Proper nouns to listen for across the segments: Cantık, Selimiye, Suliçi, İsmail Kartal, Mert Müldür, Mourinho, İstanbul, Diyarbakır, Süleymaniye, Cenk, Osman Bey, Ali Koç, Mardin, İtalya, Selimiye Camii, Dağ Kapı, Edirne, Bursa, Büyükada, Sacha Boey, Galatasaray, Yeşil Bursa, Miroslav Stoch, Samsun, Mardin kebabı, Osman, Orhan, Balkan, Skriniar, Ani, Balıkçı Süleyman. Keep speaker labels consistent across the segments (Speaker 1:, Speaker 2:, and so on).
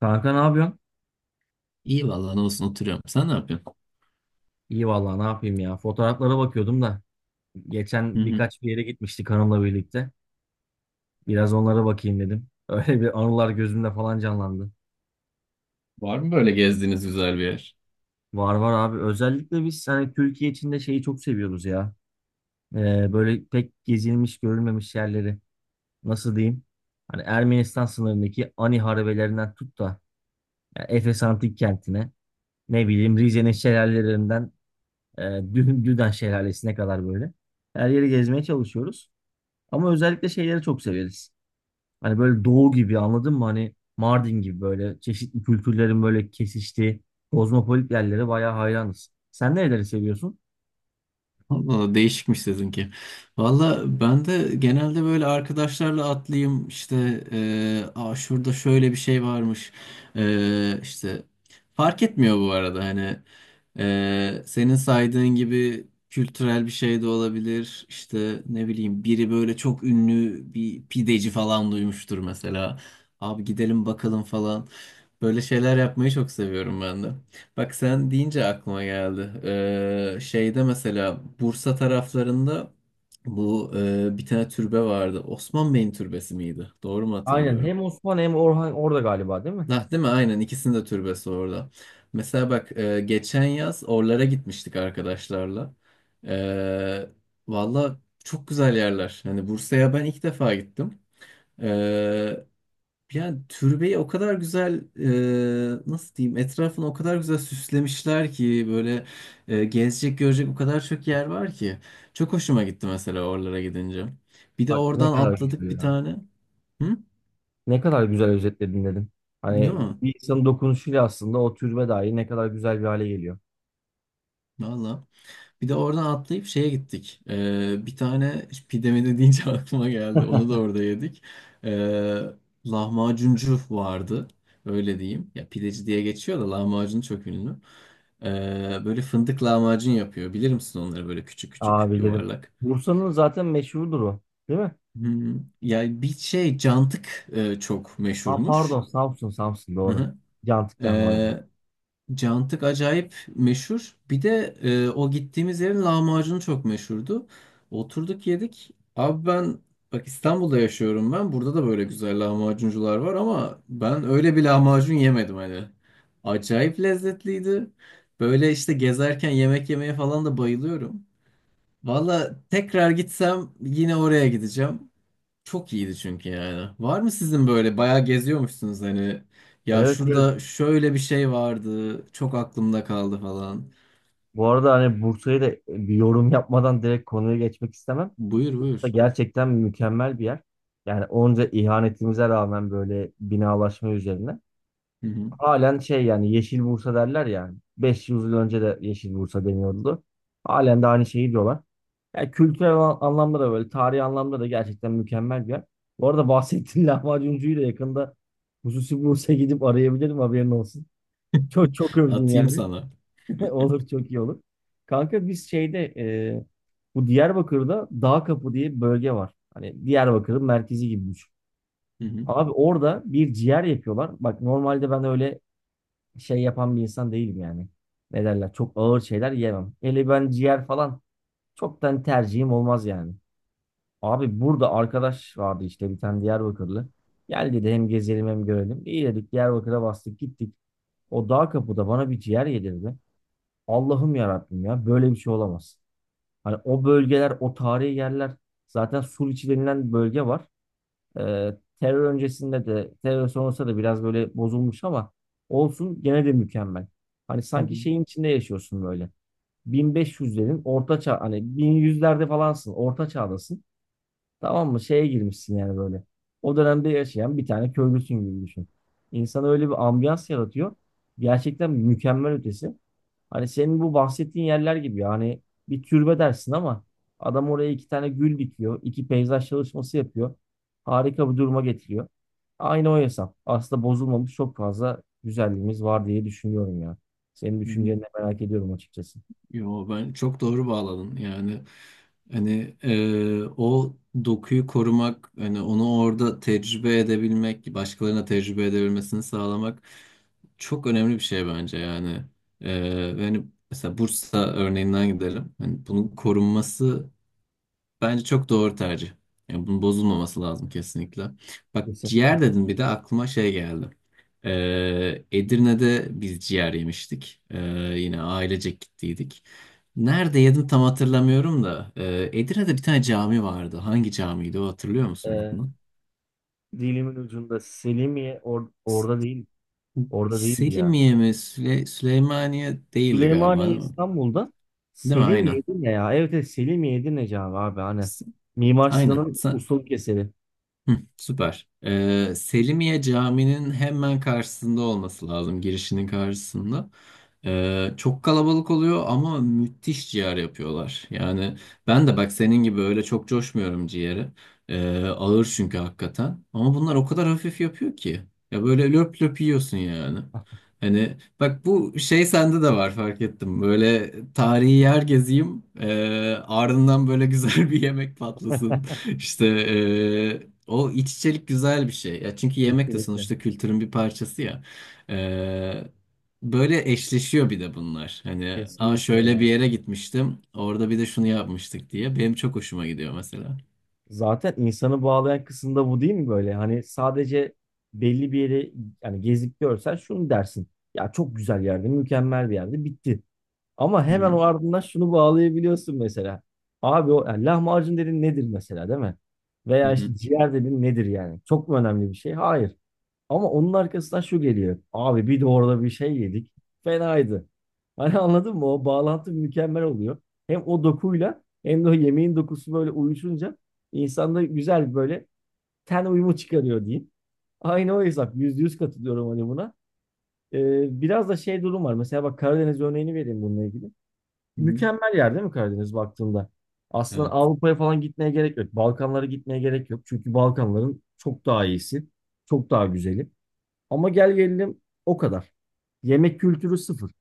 Speaker 1: Kanka ne yapıyorsun?
Speaker 2: İyi vallahi ne olsun oturuyorum. Sen ne yapıyorsun?
Speaker 1: İyi vallahi ne yapayım ya. Fotoğraflara bakıyordum da.
Speaker 2: Hı
Speaker 1: Geçen
Speaker 2: hı.
Speaker 1: birkaç bir yere gitmiştik hanımla birlikte. Biraz onlara bakayım dedim. Öyle bir anılar gözümde falan canlandı.
Speaker 2: Var mı böyle gezdiğiniz güzel bir yer?
Speaker 1: Var var abi. Özellikle biz hani Türkiye içinde şeyi çok seviyoruz ya. Böyle pek gezilmiş görülmemiş yerleri. Nasıl diyeyim? Hani Ermenistan sınırındaki Ani harabelerinden tut da yani Efes Antik Kenti'ne ne bileyim Rize'nin şelalelerinden Düden Şelalesi'ne kadar böyle. Her yeri gezmeye çalışıyoruz. Ama özellikle şeyleri çok severiz. Hani böyle doğu gibi anladın mı? Hani Mardin gibi böyle çeşitli kültürlerin böyle kesiştiği kozmopolit yerlere bayağı hayranız. Sen nereleri seviyorsun?
Speaker 2: Valla değişikmiş sizinki. Valla ben de genelde böyle arkadaşlarla atlayayım işte, aa, şurada şöyle bir şey varmış. İşte fark etmiyor bu arada, hani, senin saydığın gibi kültürel bir şey de olabilir. İşte ne bileyim, biri böyle çok ünlü bir pideci falan duymuştur mesela, abi gidelim bakalım falan. Böyle şeyler yapmayı çok seviyorum ben de. Bak sen deyince aklıma geldi. Şeyde mesela Bursa taraflarında bu bir tane türbe vardı. Osman Bey'in türbesi miydi? Doğru mu
Speaker 1: Aynen
Speaker 2: hatırlıyorum?
Speaker 1: hem Osman hem Orhan orada galiba değil mi?
Speaker 2: Nah, değil mi? Aynen, ikisinin de türbesi orada. Mesela bak, geçen yaz oralara gitmiştik arkadaşlarla. Ee, Valla çok güzel yerler. Hani Bursa'ya ben ilk defa gittim. E, Yani türbeyi o kadar güzel, nasıl diyeyim, etrafını o kadar güzel süslemişler ki, böyle gezecek görecek o kadar çok yer var ki. Çok hoşuma gitti mesela oralara gidince. Bir de
Speaker 1: Bak ne
Speaker 2: oradan
Speaker 1: kadar
Speaker 2: atladık
Speaker 1: güzel
Speaker 2: bir
Speaker 1: ya.
Speaker 2: tane. Hı?
Speaker 1: Ne kadar güzel özetledin dedim.
Speaker 2: Değil
Speaker 1: Hani
Speaker 2: mi?
Speaker 1: bir insanın dokunuşuyla aslında o türbe dahi ne kadar güzel bir hale geliyor.
Speaker 2: Valla. Bir de oradan atlayıp şeye gittik. Bir tane pidemini deyince aklıma geldi. Onu da orada yedik. Ee, Lahmacuncu vardı. Öyle diyeyim. Ya pideci diye geçiyor da lahmacun çok ünlü. Ee, Böyle fındık lahmacun yapıyor. Bilir misin onları, böyle küçük küçük
Speaker 1: Abilerim.
Speaker 2: yuvarlak?
Speaker 1: Bursa'nın zaten meşhurdur o. Değil mi?
Speaker 2: Hmm, yani bir şey, cantık çok
Speaker 1: Ha
Speaker 2: meşhurmuş.
Speaker 1: pardon Samsun Samsun
Speaker 2: Hı
Speaker 1: doğru.
Speaker 2: hı.
Speaker 1: Cantık lahmacun.
Speaker 2: Ee, Cantık acayip meşhur. Bir de o gittiğimiz yerin lahmacunu çok meşhurdu. Oturduk yedik. Abi ben, bak İstanbul'da yaşıyorum ben. Burada da böyle güzel lahmacuncular var ama ben öyle bir lahmacun yemedim hani. Acayip lezzetliydi. Böyle işte gezerken yemek yemeye falan da bayılıyorum. Valla tekrar gitsem yine oraya gideceğim. Çok iyiydi çünkü yani. Var mı sizin? Böyle bayağı geziyormuşsunuz hani, ya
Speaker 1: Evet evet.
Speaker 2: şurada şöyle bir şey vardı çok aklımda kaldı falan.
Speaker 1: Bu arada hani Bursa'yı da bir yorum yapmadan direkt konuya geçmek istemem.
Speaker 2: Buyur
Speaker 1: Bursa
Speaker 2: buyur.
Speaker 1: gerçekten mükemmel bir yer. Yani onca ihanetimize rağmen böyle binalaşma üzerine.
Speaker 2: Hı hı.
Speaker 1: Halen şey yani Yeşil Bursa derler yani. 500 yıl önce de Yeşil Bursa deniyordu. Halen de aynı şeyi diyorlar. Yani kültürel anlamda da böyle, tarihi anlamda da gerçekten mükemmel bir yer. Bu arada bahsettiğin lahmacuncuyu da yakında hususi Bursa'ya gidip arayabilirim haberin olsun. Çok çok övdün
Speaker 2: Atayım
Speaker 1: yani.
Speaker 2: sana.
Speaker 1: Olur çok iyi olur. Kanka biz şeyde, bu Diyarbakır'da Dağ Kapı diye bir bölge var. Hani Diyarbakır'ın merkezi gibi düşün.
Speaker 2: Hı hı.
Speaker 1: Abi orada bir ciğer yapıyorlar. Bak normalde ben öyle şey yapan bir insan değilim yani. Ne derler? Çok ağır şeyler yemem. Hele ben ciğer falan çoktan tercihim olmaz yani. Abi burada arkadaş vardı işte bir tane Diyarbakırlı. Gel dedi hem gezelim hem görelim. İyi dedik Diyarbakır'a bastık gittik. O Dağ Kapı'da bana bir ciğer yedirdi. Allah'ım yarabbim ya böyle bir şey olamaz. Hani o bölgeler, o tarihi yerler zaten Suliçi denilen bölge var. Terör öncesinde de, terör sonrasında da biraz böyle bozulmuş ama olsun gene de mükemmel. Hani
Speaker 2: Hı
Speaker 1: sanki
Speaker 2: hı.
Speaker 1: şeyin içinde yaşıyorsun böyle. 1500'lerin orta çağ, hani 1100'lerde falansın, orta çağdasın. Tamam mı? Şeye girmişsin yani böyle. O dönemde yaşayan bir tane köylüsün gibi düşün. İnsan öyle bir ambiyans yaratıyor. Gerçekten mükemmel ötesi. Hani senin bu bahsettiğin yerler gibi ya. Hani bir türbe dersin ama adam oraya iki tane gül dikiyor. İki peyzaj çalışması yapıyor. Harika bir duruma getiriyor. Aynı o hesap. Aslında bozulmamış çok fazla güzelliğimiz var diye düşünüyorum ya. Senin
Speaker 2: Hı hı.
Speaker 1: düşünceni de merak ediyorum açıkçası.
Speaker 2: Yo, ben çok doğru bağladın yani. Hani o dokuyu korumak, hani onu orada tecrübe edebilmek, başkalarına tecrübe edebilmesini sağlamak çok önemli bir şey bence yani. E, Yani mesela Bursa örneğinden gidelim, hani bunun korunması, bence çok doğru tercih. Yani bunun bozulmaması lazım kesinlikle. Bak, ciğer dedim, bir de aklıma şey geldi. Edirne'de biz ciğer yemiştik. Yine ailecek gittiydik. Nerede yedim tam hatırlamıyorum da, Edirne'de bir tane cami vardı. Hangi camiydi o, hatırlıyor musun
Speaker 1: Kesinlikle.
Speaker 2: adını?
Speaker 1: Dilimin ucunda Selimiye
Speaker 2: S-
Speaker 1: orada değil. Orada değildi ya.
Speaker 2: Selimiye mi? Süleymaniye değildi galiba
Speaker 1: Süleymaniye
Speaker 2: değil mi?
Speaker 1: İstanbul'da,
Speaker 2: Değil mi?
Speaker 1: Selimiye
Speaker 2: Aynen.
Speaker 1: Edirne ya. Evet evet, Selimiye Edirne abi abi hani.
Speaker 2: S-
Speaker 1: Mimar
Speaker 2: Aynen.
Speaker 1: Sinan'ın ustalık eseri.
Speaker 2: Hı, süper. Selimiye Camii'nin hemen karşısında olması lazım, girişinin karşısında. Çok kalabalık oluyor ama müthiş ciğer yapıyorlar. Yani ben de bak senin gibi öyle çok coşmuyorum ciğeri. Ağır çünkü hakikaten. Ama bunlar o kadar hafif yapıyor ki. Ya böyle löp löp yiyorsun yani. Hani bak, bu şey sende de var, fark ettim. Böyle tarihi yer gezeyim, ardından böyle güzel bir yemek patlasın. İşte o iç içelik güzel bir şey. Ya çünkü yemek de
Speaker 1: Kesinlikle.
Speaker 2: sonuçta kültürün bir parçası ya. Eee, Böyle eşleşiyor bir de bunlar. Hani, aa,
Speaker 1: Kesinlikle
Speaker 2: şöyle
Speaker 1: ya.
Speaker 2: bir yere gitmiştim, orada bir de şunu yapmıştık diye. Benim çok hoşuma gidiyor mesela.
Speaker 1: Zaten insanı bağlayan kısım da bu değil mi böyle? Hani sadece belli bir yere yani gezip görsen şunu dersin. Ya çok güzel yerde, mükemmel bir yerde bitti. Ama
Speaker 2: Hı
Speaker 1: hemen
Speaker 2: hı,
Speaker 1: o ardından şunu bağlayabiliyorsun mesela. Abi o yani lahmacun dedin nedir mesela değil mi?
Speaker 2: hı
Speaker 1: Veya
Speaker 2: hı,
Speaker 1: işte ciğer dedin nedir yani? Çok mu önemli bir şey? Hayır. Ama onun arkasından şu geliyor. Abi bir de orada bir şey yedik. Fenaydı. Hani anladın mı? O bağlantı mükemmel oluyor. Hem o dokuyla hem de o yemeğin dokusu böyle uyuşunca insanda güzel bir böyle ten uyumu çıkarıyor diyeyim. Aynı o hesap. Yüzde yüz katılıyorum hani buna. Biraz da şey durum var. Mesela bak Karadeniz örneğini vereyim bununla ilgili.
Speaker 2: hı hı.
Speaker 1: Mükemmel yer değil mi Karadeniz baktığında? Aslında
Speaker 2: Evet.
Speaker 1: Avrupa'ya falan gitmeye gerek yok. Balkanlara gitmeye gerek yok. Çünkü Balkanların çok daha iyisi. Çok daha güzeli. Ama gel gelelim o kadar. Yemek kültürü sıfır.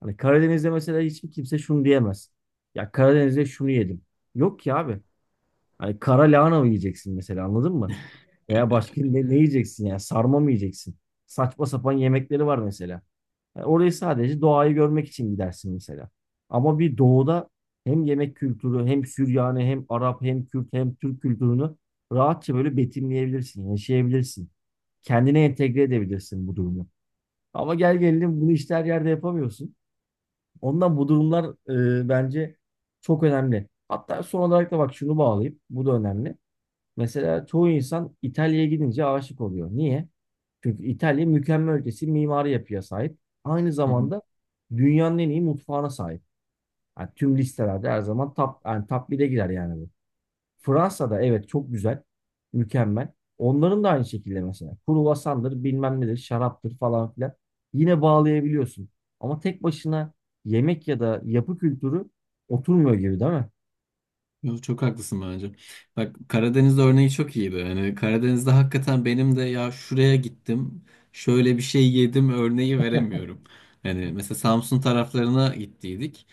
Speaker 1: Hani Karadeniz'de mesela hiçbir kimse şunu diyemez. Ya Karadeniz'de şunu yedim. Yok ki abi. Hani kara lahana mı yiyeceksin mesela anladın mı? Veya başka ne yiyeceksin yani sarma mı yiyeceksin? Saçma sapan yemekleri var mesela. Yani orayı sadece doğayı görmek için gidersin mesela. Ama bir doğuda hem yemek kültürü hem Süryani hem Arap hem Kürt hem Türk kültürünü rahatça böyle betimleyebilirsin, yaşayabilirsin. Kendine entegre edebilirsin bu durumu. Ama gel gelelim bunu işte her yerde yapamıyorsun. Ondan bu durumlar bence çok önemli. Hatta son olarak da bak şunu bağlayayım. Bu da önemli. Mesela çoğu insan İtalya'ya gidince aşık oluyor. Niye? Çünkü İtalya mükemmel ötesi mimari yapıya sahip. Aynı
Speaker 2: Hı hı.
Speaker 1: zamanda dünyanın en iyi mutfağına sahip. Yani tüm listelerde her zaman top, yani top 1'e girer yani bu. Fransa'da evet çok güzel. Mükemmel. Onların da aynı şekilde mesela. Kruvasandır, bilmem nedir, şaraptır falan filan. Yine bağlayabiliyorsun. Ama tek başına yemek ya da yapı kültürü oturmuyor gibi değil mi?
Speaker 2: Yo, çok haklısın bence. Bak Karadeniz örneği çok iyi be. Yani Karadeniz'de hakikaten benim de, ya şuraya gittim, şöyle bir şey yedim örneği veremiyorum. Hani mesela Samsun taraflarına gittiydik.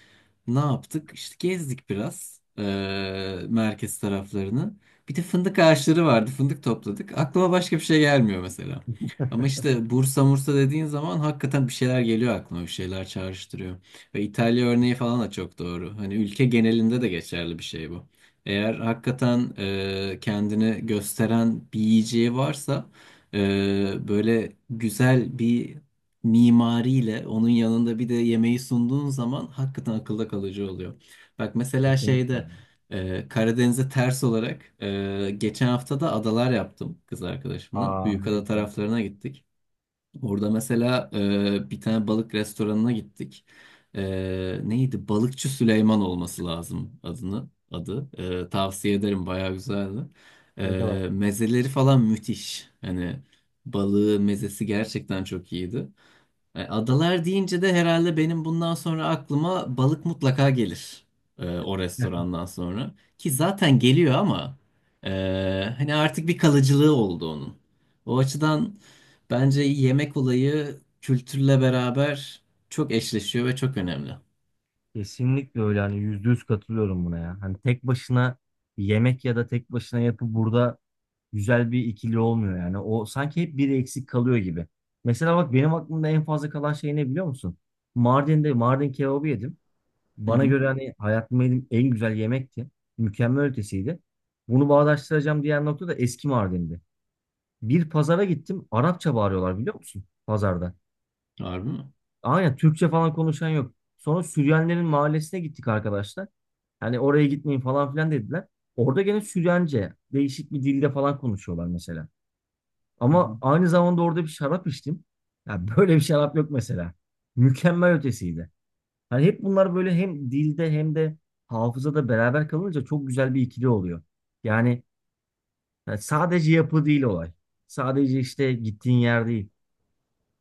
Speaker 2: Ne yaptık? İşte gezdik biraz merkez taraflarını. Bir de fındık ağaçları vardı. Fındık topladık. Aklıma başka bir şey gelmiyor mesela. Ama işte Bursa Mursa dediğin zaman hakikaten bir şeyler geliyor aklıma. Bir şeyler çağrıştırıyor. Ve İtalya örneği falan da çok doğru. Hani ülke genelinde de geçerli bir şey bu. Eğer hakikaten kendini gösteren bir yiyeceği varsa, böyle güzel bir mimariyle onun yanında bir de yemeği sunduğun zaman hakikaten akılda kalıcı oluyor. Bak mesela
Speaker 1: Kesinlikle.
Speaker 2: şeyde, Karadeniz'e ters olarak, geçen hafta da adalar yaptım kız arkadaşımla.
Speaker 1: Aa ne
Speaker 2: Büyükada
Speaker 1: güzel.
Speaker 2: taraflarına gittik. Orada mesela bir tane balık restoranına gittik. Neydi? Balıkçı Süleyman olması lazım adını adı. Tavsiye ederim, bayağı güzeldi.
Speaker 1: Ne kadar.
Speaker 2: Mezeleri falan müthiş. Hani balığı, mezesi gerçekten çok iyiydi. Adalar deyince de herhalde benim bundan sonra aklıma balık mutlaka gelir, o restorandan sonra. Ki zaten geliyor ama e, hani artık bir kalıcılığı oldu onun. O açıdan bence yemek olayı kültürle beraber çok eşleşiyor ve çok önemli.
Speaker 1: Kesinlikle öyle hani yüzde yüz katılıyorum buna ya. Hani tek başına yemek ya da tek başına yapı burada güzel bir ikili olmuyor yani. O sanki hep biri eksik kalıyor gibi. Mesela bak benim aklımda en fazla kalan şey ne biliyor musun? Mardin'de Mardin kebabı yedim.
Speaker 2: Hı
Speaker 1: Bana
Speaker 2: hı.
Speaker 1: göre hani hayatımda yediğim en güzel yemekti. Mükemmel ötesiydi. Bunu bağdaştıracağım diğer nokta da eski Mardin'di. Bir pazara gittim. Arapça bağırıyorlar biliyor musun? Pazarda.
Speaker 2: Harbi mi?
Speaker 1: Aynen Türkçe falan konuşan yok. Sonra Süryanilerin mahallesine gittik arkadaşlar. Hani oraya gitmeyin falan filan dediler. Orada gene Süryanice değişik bir dilde falan konuşuyorlar mesela.
Speaker 2: Hı
Speaker 1: Ama
Speaker 2: hı.
Speaker 1: aynı zamanda orada bir şarap içtim. Ya böyle bir şarap yok mesela. Mükemmel ötesiydi. Hani hep bunlar böyle hem dilde hem de hafızada beraber kalınca çok güzel bir ikili oluyor. Yani, yani sadece yapı değil olay. Sadece işte gittiğin yer değil.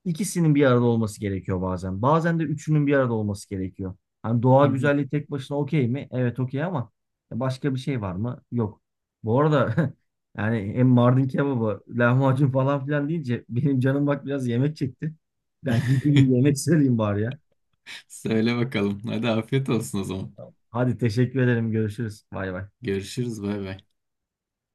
Speaker 1: İkisinin bir arada olması gerekiyor bazen. Bazen de üçünün bir arada olması gerekiyor. Hani doğa
Speaker 2: Hı hı.
Speaker 1: güzelliği tek başına okey mi? Evet okey ama başka bir şey var mı? Yok. Bu arada yani hem Mardin kebabı, lahmacun falan filan deyince benim canım bak biraz yemek çekti. Ben gideyim bir yemek söyleyeyim bari ya.
Speaker 2: Söyle bakalım. Hadi afiyet olsun o zaman.
Speaker 1: Hadi teşekkür ederim. Görüşürüz. Bay bay.
Speaker 2: Görüşürüz. Bay bay.